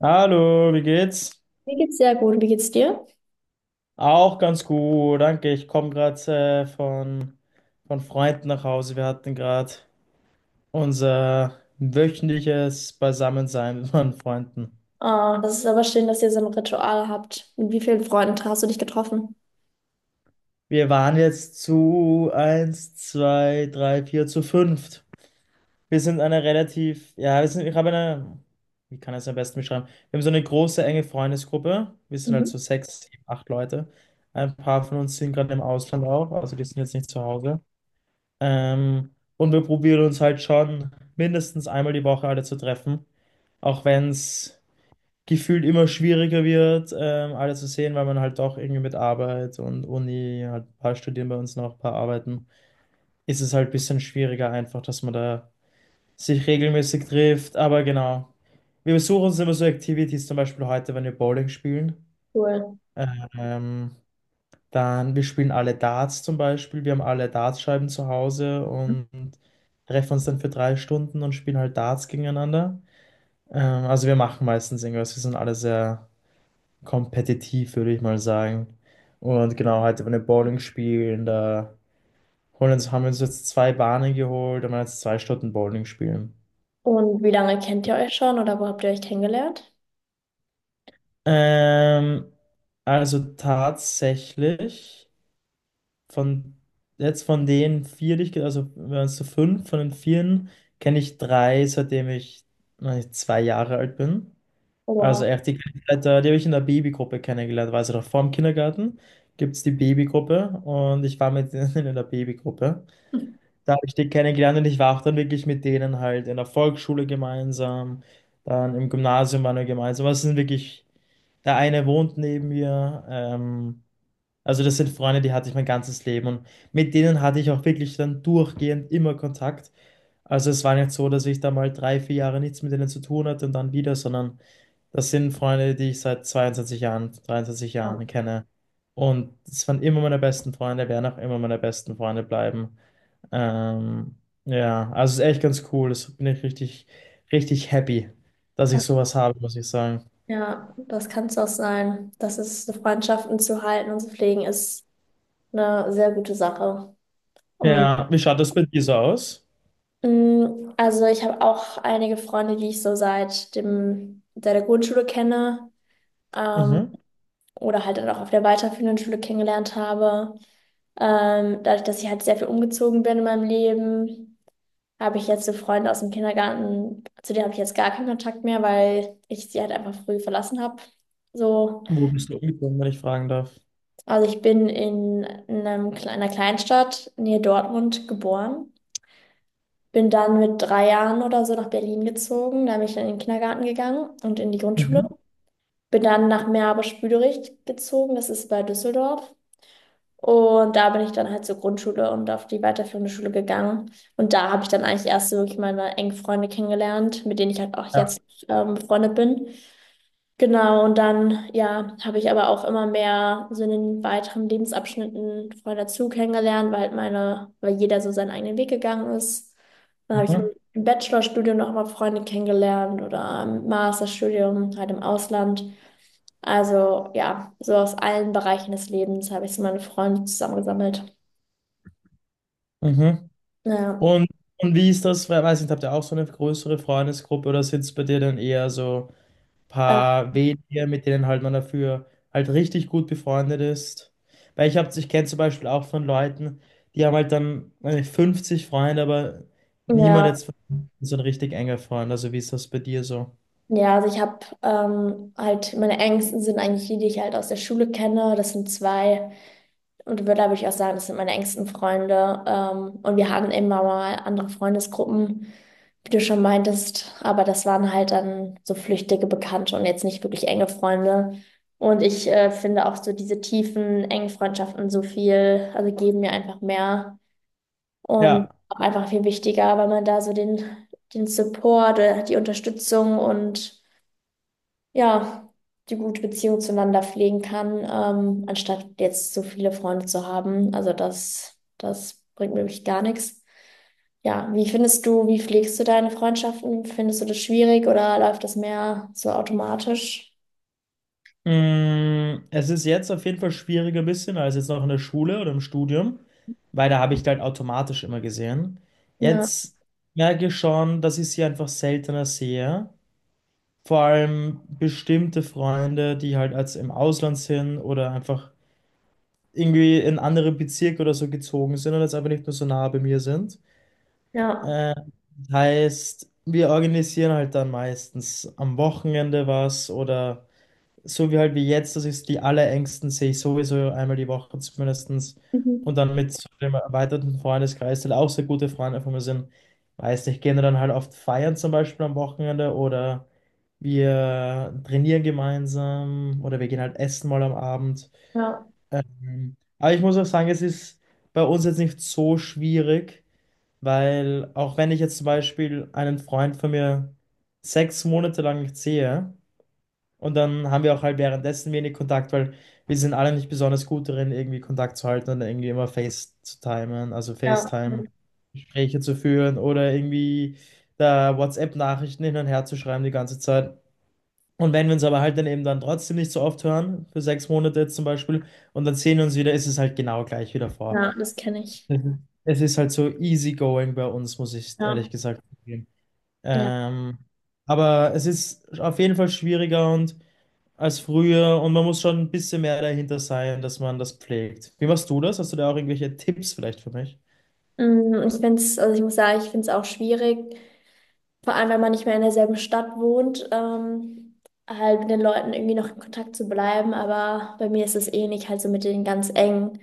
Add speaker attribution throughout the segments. Speaker 1: Hallo, wie geht's?
Speaker 2: Mir geht's sehr gut. Wie geht's dir?
Speaker 1: Auch ganz gut, danke. Ich komme gerade äh, von, von Freunden nach Hause. Wir hatten gerade unser wöchentliches Beisammensein mit meinen Freunden.
Speaker 2: Ah, das ist aber schön, dass ihr so ein Ritual habt. Mit wie vielen Freunden hast du dich getroffen?
Speaker 1: Wir waren jetzt zu eins, zwei, drei, vier, zu fünft. Wir sind eine relativ, ja, wir sind, ich habe eine, wie kann ich es am besten beschreiben? Wir haben so eine große, enge Freundesgruppe. Wir sind halt
Speaker 2: Mhm.
Speaker 1: so sechs, sieben, acht Leute. Ein paar von uns sind gerade im Ausland auch, also die sind jetzt nicht zu Hause. Und wir probieren uns halt schon mindestens einmal die Woche alle zu treffen, auch wenn es gefühlt immer schwieriger wird, alle zu sehen, weil man halt doch irgendwie mit Arbeit und Uni, halt ein paar studieren bei uns noch, ein paar arbeiten, ist es halt ein bisschen schwieriger einfach, dass man da sich regelmäßig trifft. Aber genau, wir besuchen uns immer so Activities, zum Beispiel heute, wenn wir Bowling spielen.
Speaker 2: Cool.
Speaker 1: Ähm, wir spielen alle Darts zum Beispiel. Wir haben alle Dartscheiben zu Hause und treffen uns dann für 3 Stunden und spielen halt Darts gegeneinander. Also wir machen meistens irgendwas. Wir sind alle sehr kompetitiv, würde ich mal sagen. Und genau, heute wollen wir Bowling spielen. Da holen uns, haben wir uns jetzt zwei Bahnen geholt und wollen jetzt 2 Stunden Bowling spielen.
Speaker 2: Und wie lange kennt ihr euch schon oder wo habt ihr euch kennengelernt?
Speaker 1: Ähm, also tatsächlich. Von jetzt von den vier, die ich, also wir waren zu fünf, von den vieren kenne ich drei, seitdem ich, weiß nicht, 2 Jahre alt bin. Also
Speaker 2: Wow.
Speaker 1: echt, die, kenn ich seit die habe ich in der Babygruppe kennengelernt, also noch vor dem Kindergarten gibt es die Babygruppe und ich war mit denen in der Babygruppe. Da habe ich die kennengelernt und ich war auch dann wirklich mit denen halt in der Volksschule gemeinsam, dann im Gymnasium waren wir gemeinsam. Also es sind wirklich, der eine wohnt neben mir, also das sind Freunde, die hatte ich mein ganzes Leben und mit denen hatte ich auch wirklich dann durchgehend immer Kontakt. Also es war nicht so, dass ich da mal drei, vier Jahre nichts mit denen zu tun hatte und dann wieder, sondern das sind Freunde, die ich seit 22 Jahren, 23
Speaker 2: Ja,
Speaker 1: Jahren kenne. Und es waren immer meine besten Freunde, werden auch immer meine besten Freunde bleiben. Ähm, ja, also es ist echt ganz cool. Das bin ich richtig, richtig happy, dass ich sowas habe, muss ich sagen.
Speaker 2: ja, das kann es auch sein. Das ist, so Freundschaften zu halten und zu pflegen, ist eine sehr gute Sache, um
Speaker 1: Ja, wie schaut das bei dir so aus?
Speaker 2: Also ich habe auch einige Freunde, die ich so seit der Grundschule kenne, ähm,
Speaker 1: Mhm.
Speaker 2: oder halt dann auch auf der weiterführenden Schule kennengelernt habe. Dadurch, dass ich halt sehr viel umgezogen bin in meinem Leben, habe ich jetzt so Freunde aus dem Kindergarten, zu denen habe ich jetzt gar keinen Kontakt mehr, weil ich sie halt einfach früh verlassen habe. So,
Speaker 1: Wo bist du umgezogen, wenn ich fragen darf?
Speaker 2: also ich bin in einer Kleinstadt, nähe Dortmund, geboren. Bin dann mit 3 Jahren oder so nach Berlin gezogen. Da bin ich dann in den Kindergarten gegangen und in die Grundschule.
Speaker 1: Mhm.
Speaker 2: Bin dann nach Meerbusch-Büderich gezogen, das ist bei Düsseldorf. Und da bin ich dann halt zur Grundschule und auf die weiterführende Schule gegangen. Und da habe ich dann eigentlich erst so wirklich meine engen Freunde kennengelernt, mit denen ich halt auch
Speaker 1: Ja.
Speaker 2: jetzt befreundet bin. Genau, und dann, ja, habe ich aber auch immer mehr so in den weiteren Lebensabschnitten Freunde dazu kennengelernt, weil halt meine, weil jeder so seinen eigenen Weg gegangen ist. Dann habe ich
Speaker 1: Mhm.
Speaker 2: im Bachelorstudium noch mal Freunde kennengelernt oder im Masterstudium halt im Ausland. Also ja, so aus allen Bereichen des Lebens habe ich so meine Freunde zusammengesammelt.
Speaker 1: Mhm.
Speaker 2: Ja,
Speaker 1: Und, und wie ist das? Weiß nicht, habt ihr auch so eine größere Freundesgruppe oder sitzt bei dir dann eher so ein
Speaker 2: äh,
Speaker 1: paar wenige, mit denen halt man dafür halt richtig gut befreundet ist? Weil ich hab, ich kenne zum Beispiel auch von Leuten, die haben halt dann weiß nicht, 50 Freunde, aber niemand
Speaker 2: ja,
Speaker 1: jetzt von denen ist so ein richtig enger Freund. Also wie ist das bei dir so?
Speaker 2: ja, also ich habe halt, meine engsten sind eigentlich die, die ich halt aus der Schule kenne. Das sind zwei. Und würde aber ich auch sagen, das sind meine engsten Freunde. Und wir hatten immer mal andere Freundesgruppen, wie du schon meintest. Aber das waren halt dann so flüchtige Bekannte und jetzt nicht wirklich enge Freunde. Und ich finde auch so diese tiefen, engen Freundschaften so viel, also geben mir einfach mehr und
Speaker 1: Ja.
Speaker 2: auch einfach viel wichtiger, weil man da so den Support, die Unterstützung und ja, die gute Beziehung zueinander pflegen kann, anstatt jetzt so viele Freunde zu haben. Also das bringt mir wirklich gar nichts. Ja, wie pflegst du deine Freundschaften? Findest du das schwierig oder läuft das mehr so automatisch?
Speaker 1: Es ist jetzt auf jeden Fall schwieriger ein bisschen als jetzt noch in der Schule oder im Studium, weil da habe ich halt automatisch immer gesehen.
Speaker 2: Ja,
Speaker 1: Jetzt merke ich schon, dass ich sie einfach seltener sehe. Vor allem bestimmte Freunde, die halt als im Ausland sind oder einfach irgendwie in andere Bezirke oder so gezogen sind und jetzt einfach nicht mehr so nah bei mir sind.
Speaker 2: ja,
Speaker 1: Äh, heißt, wir organisieren halt dann meistens am Wochenende was oder so wie halt wie jetzt, das ist die allerängsten, sehe ich sowieso einmal die Woche zumindestens. Und
Speaker 2: mhm.
Speaker 1: dann mit so dem erweiterten Freundeskreis, der auch sehr gute Freunde von mir sind. Weiß nicht, gehen wir dann halt oft feiern zum Beispiel am Wochenende oder wir trainieren gemeinsam oder wir gehen halt essen mal am Abend.
Speaker 2: Ja,
Speaker 1: Mhm. Aber ich muss auch sagen, es ist bei uns jetzt nicht so schwierig, weil auch wenn ich jetzt zum Beispiel einen Freund von mir 6 Monate lang nicht sehe, und dann haben wir auch halt währenddessen wenig Kontakt, weil wir sind alle nicht besonders gut darin, irgendwie Kontakt zu halten und irgendwie immer Face zu timen, also
Speaker 2: ja,
Speaker 1: FaceTime-Gespräche zu führen oder irgendwie da WhatsApp-Nachrichten hin und her zu schreiben die ganze Zeit. Und wenn wir uns aber halt dann eben dann trotzdem nicht so oft hören, für 6 Monate jetzt zum Beispiel, und dann sehen wir uns wieder, ist es halt genau gleich wieder vor.
Speaker 2: ja, das kenne ich.
Speaker 1: Es ist es ist halt so easygoing bei uns, muss ich
Speaker 2: Ja,
Speaker 1: ehrlich gesagt zugeben.
Speaker 2: ja.
Speaker 1: Ähm, aber es ist auf jeden Fall schwieriger und als früher und man muss schon ein bisschen mehr dahinter sein, dass man das pflegt. Wie machst du das? Hast du da auch irgendwelche Tipps vielleicht für mich?
Speaker 2: Also ich muss sagen, ich finde es auch schwierig. Vor allem, wenn man nicht mehr in derselben Stadt wohnt, halt mit den Leuten irgendwie noch in Kontakt zu bleiben. Aber bei mir ist es ähnlich, halt so mit den ganz engen.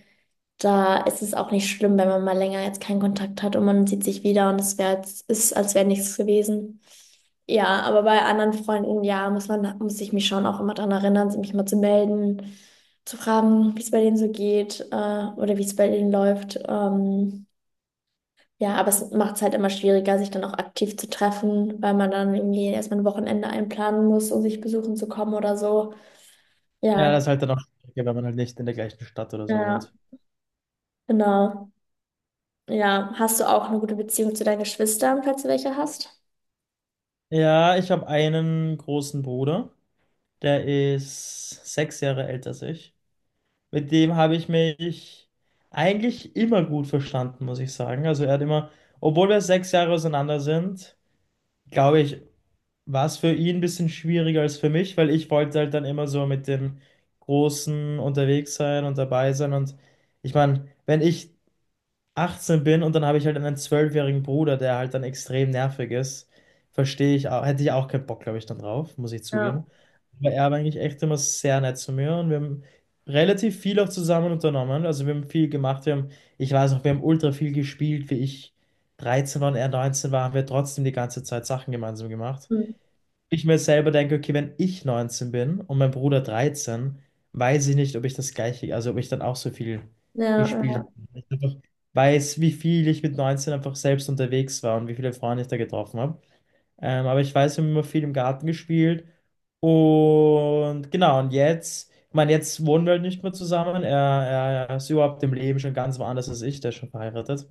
Speaker 2: Da ist es auch nicht schlimm, wenn man mal länger jetzt keinen Kontakt hat und man sieht sich wieder und ist, als wäre nichts gewesen. Ja, aber bei anderen Freunden, ja, muss ich mich schon auch immer daran erinnern, mich mal zu melden, zu fragen, wie es bei denen so geht, oder wie es bei denen läuft. Ja, aber es macht es halt immer schwieriger, sich dann auch aktiv zu treffen, weil man dann irgendwie erstmal ein Wochenende einplanen muss, um sich besuchen zu kommen oder so.
Speaker 1: Ja,
Speaker 2: Ja,
Speaker 1: das ist halt dann auch schwieriger, wenn man halt nicht in der gleichen Stadt oder so
Speaker 2: ja,
Speaker 1: wohnt.
Speaker 2: genau. Ja, hast du auch eine gute Beziehung zu deinen Geschwistern, falls du welche hast?
Speaker 1: Ja, ich habe einen großen Bruder, der ist 6 Jahre älter als ich. Mit dem habe ich mich eigentlich immer gut verstanden, muss ich sagen. Also er hat immer, obwohl wir 6 Jahre auseinander sind, glaube ich, war es für ihn ein bisschen schwieriger als für mich, weil ich wollte halt dann immer so mit dem Großen unterwegs sein und dabei sein. Und ich meine, wenn ich 18 bin und dann habe ich halt einen zwölfjährigen Bruder, der halt dann extrem nervig ist, verstehe ich auch, hätte ich auch keinen Bock, glaube ich, dann drauf, muss ich
Speaker 2: Ja,
Speaker 1: zugeben. Aber er war eigentlich echt immer sehr nett zu mir und wir haben relativ viel auch zusammen unternommen. Also wir haben viel gemacht, wir haben, ich weiß noch, wir haben ultra viel gespielt, wie ich 13 war und er 19 war, haben wir trotzdem die ganze Zeit Sachen gemeinsam gemacht
Speaker 2: hm.
Speaker 1: ich mir selber denke, okay, wenn ich 19 bin und mein Bruder 13, weiß ich nicht, ob ich das gleiche, also ob ich dann auch so viel gespielt
Speaker 2: Ja,
Speaker 1: habe. Ich einfach weiß, wie viel ich mit 19 einfach selbst unterwegs war und wie viele Freunde ich da getroffen habe. Aber ich weiß, wir haben immer viel im Garten gespielt. Und genau, und jetzt, ich meine, jetzt wohnen wir halt nicht mehr zusammen. Er ist überhaupt im Leben schon ganz woanders als ich, der ist schon verheiratet.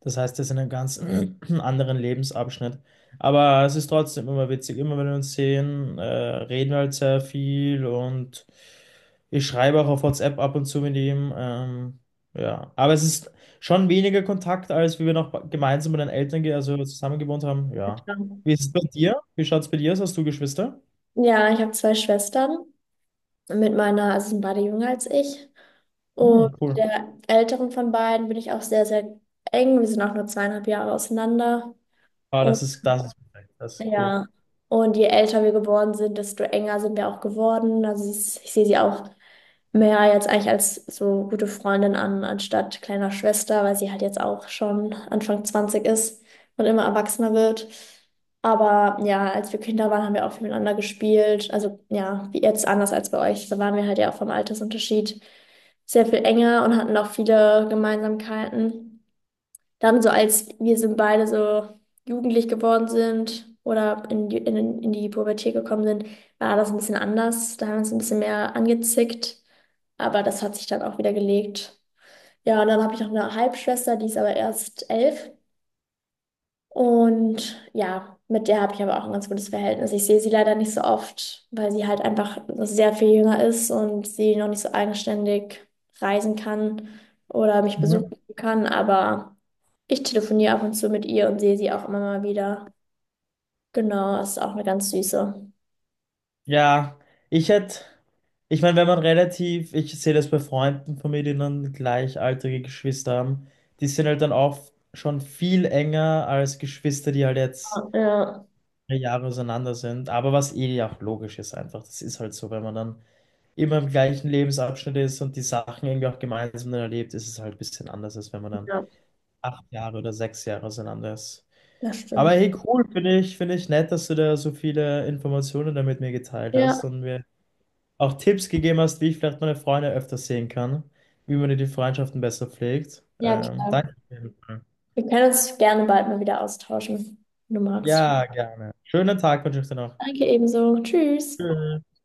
Speaker 1: Das heißt, das ist in einem ganz anderen Lebensabschnitt. Aber es ist trotzdem immer witzig. Immer wenn wir uns sehen, reden wir halt sehr viel und ich schreibe auch auf WhatsApp ab und zu mit ihm. Ja, aber es ist schon weniger Kontakt, als wie wir noch gemeinsam mit den Eltern, also zusammen gewohnt haben. Ja.
Speaker 2: ja.
Speaker 1: Wie ist es bei dir? Wie schaut es bei dir aus? Hast du Geschwister?
Speaker 2: Ja, ich habe zwei Schwestern. Also sind beide jünger als ich. Und
Speaker 1: Hm, cool.
Speaker 2: der älteren von beiden bin ich auch sehr, sehr eng. Wir sind auch nur 2,5 Jahre auseinander.
Speaker 1: Ah, das ist, perfekt. Das ist cool.
Speaker 2: Ja, und je älter wir geworden sind, desto enger sind wir auch geworden. Ich sehe sie auch mehr jetzt eigentlich als so gute Freundin an, anstatt kleiner Schwester, weil sie halt jetzt auch schon Anfang 20 ist und immer erwachsener wird. Aber ja, als wir Kinder waren, haben wir auch viel miteinander gespielt. Also ja, wie jetzt anders als bei euch. Da waren wir halt ja auch vom Altersunterschied sehr viel enger und hatten auch viele Gemeinsamkeiten. Dann so als wir sind beide so jugendlich geworden sind oder in die Pubertät gekommen sind, war das ein bisschen anders. Da haben wir uns ein bisschen mehr angezickt, aber das hat sich dann auch wieder gelegt. Ja, und dann habe ich noch eine Halbschwester, die ist aber erst 11. Und ja, mit der habe ich aber auch ein ganz gutes Verhältnis. Ich sehe sie leider nicht so oft, weil sie halt einfach sehr viel jünger ist und sie noch nicht so eigenständig reisen kann oder mich
Speaker 1: Mhm.
Speaker 2: besuchen kann, aber. Ich telefoniere ab und zu mit ihr und sehe sie auch immer mal wieder. Genau, ist auch eine ganz süße.
Speaker 1: Ja, ich hätte, ich meine, wenn man relativ, ich sehe das bei Freunden von mir, die dann gleichaltrige Geschwister haben, die sind halt dann auch schon viel enger als Geschwister, die halt jetzt
Speaker 2: Ja,
Speaker 1: 3 Jahre auseinander sind. Aber was eh auch logisch ist einfach, das ist halt so, wenn man dann immer im gleichen Lebensabschnitt ist und die Sachen irgendwie auch gemeinsam dann erlebt, ist es halt ein bisschen anders, als wenn man dann
Speaker 2: ja,
Speaker 1: 8 Jahre oder 6 Jahre auseinander ist.
Speaker 2: das
Speaker 1: Aber
Speaker 2: stimmt.
Speaker 1: hey, cool, finde ich nett, dass du da so viele Informationen da mit mir geteilt
Speaker 2: Ja,
Speaker 1: hast und wir auch Tipps gegeben hast, wie ich vielleicht meine Freunde öfters sehen kann, wie man die Freundschaften besser pflegt.
Speaker 2: ja, klar.
Speaker 1: Danke auf jeden Fall.
Speaker 2: Wir können uns gerne bald mal wieder austauschen, wenn du magst.
Speaker 1: Ja, gerne. Schönen Tag wünsche ich dir noch.
Speaker 2: Danke ebenso. Tschüss.
Speaker 1: Tschüss.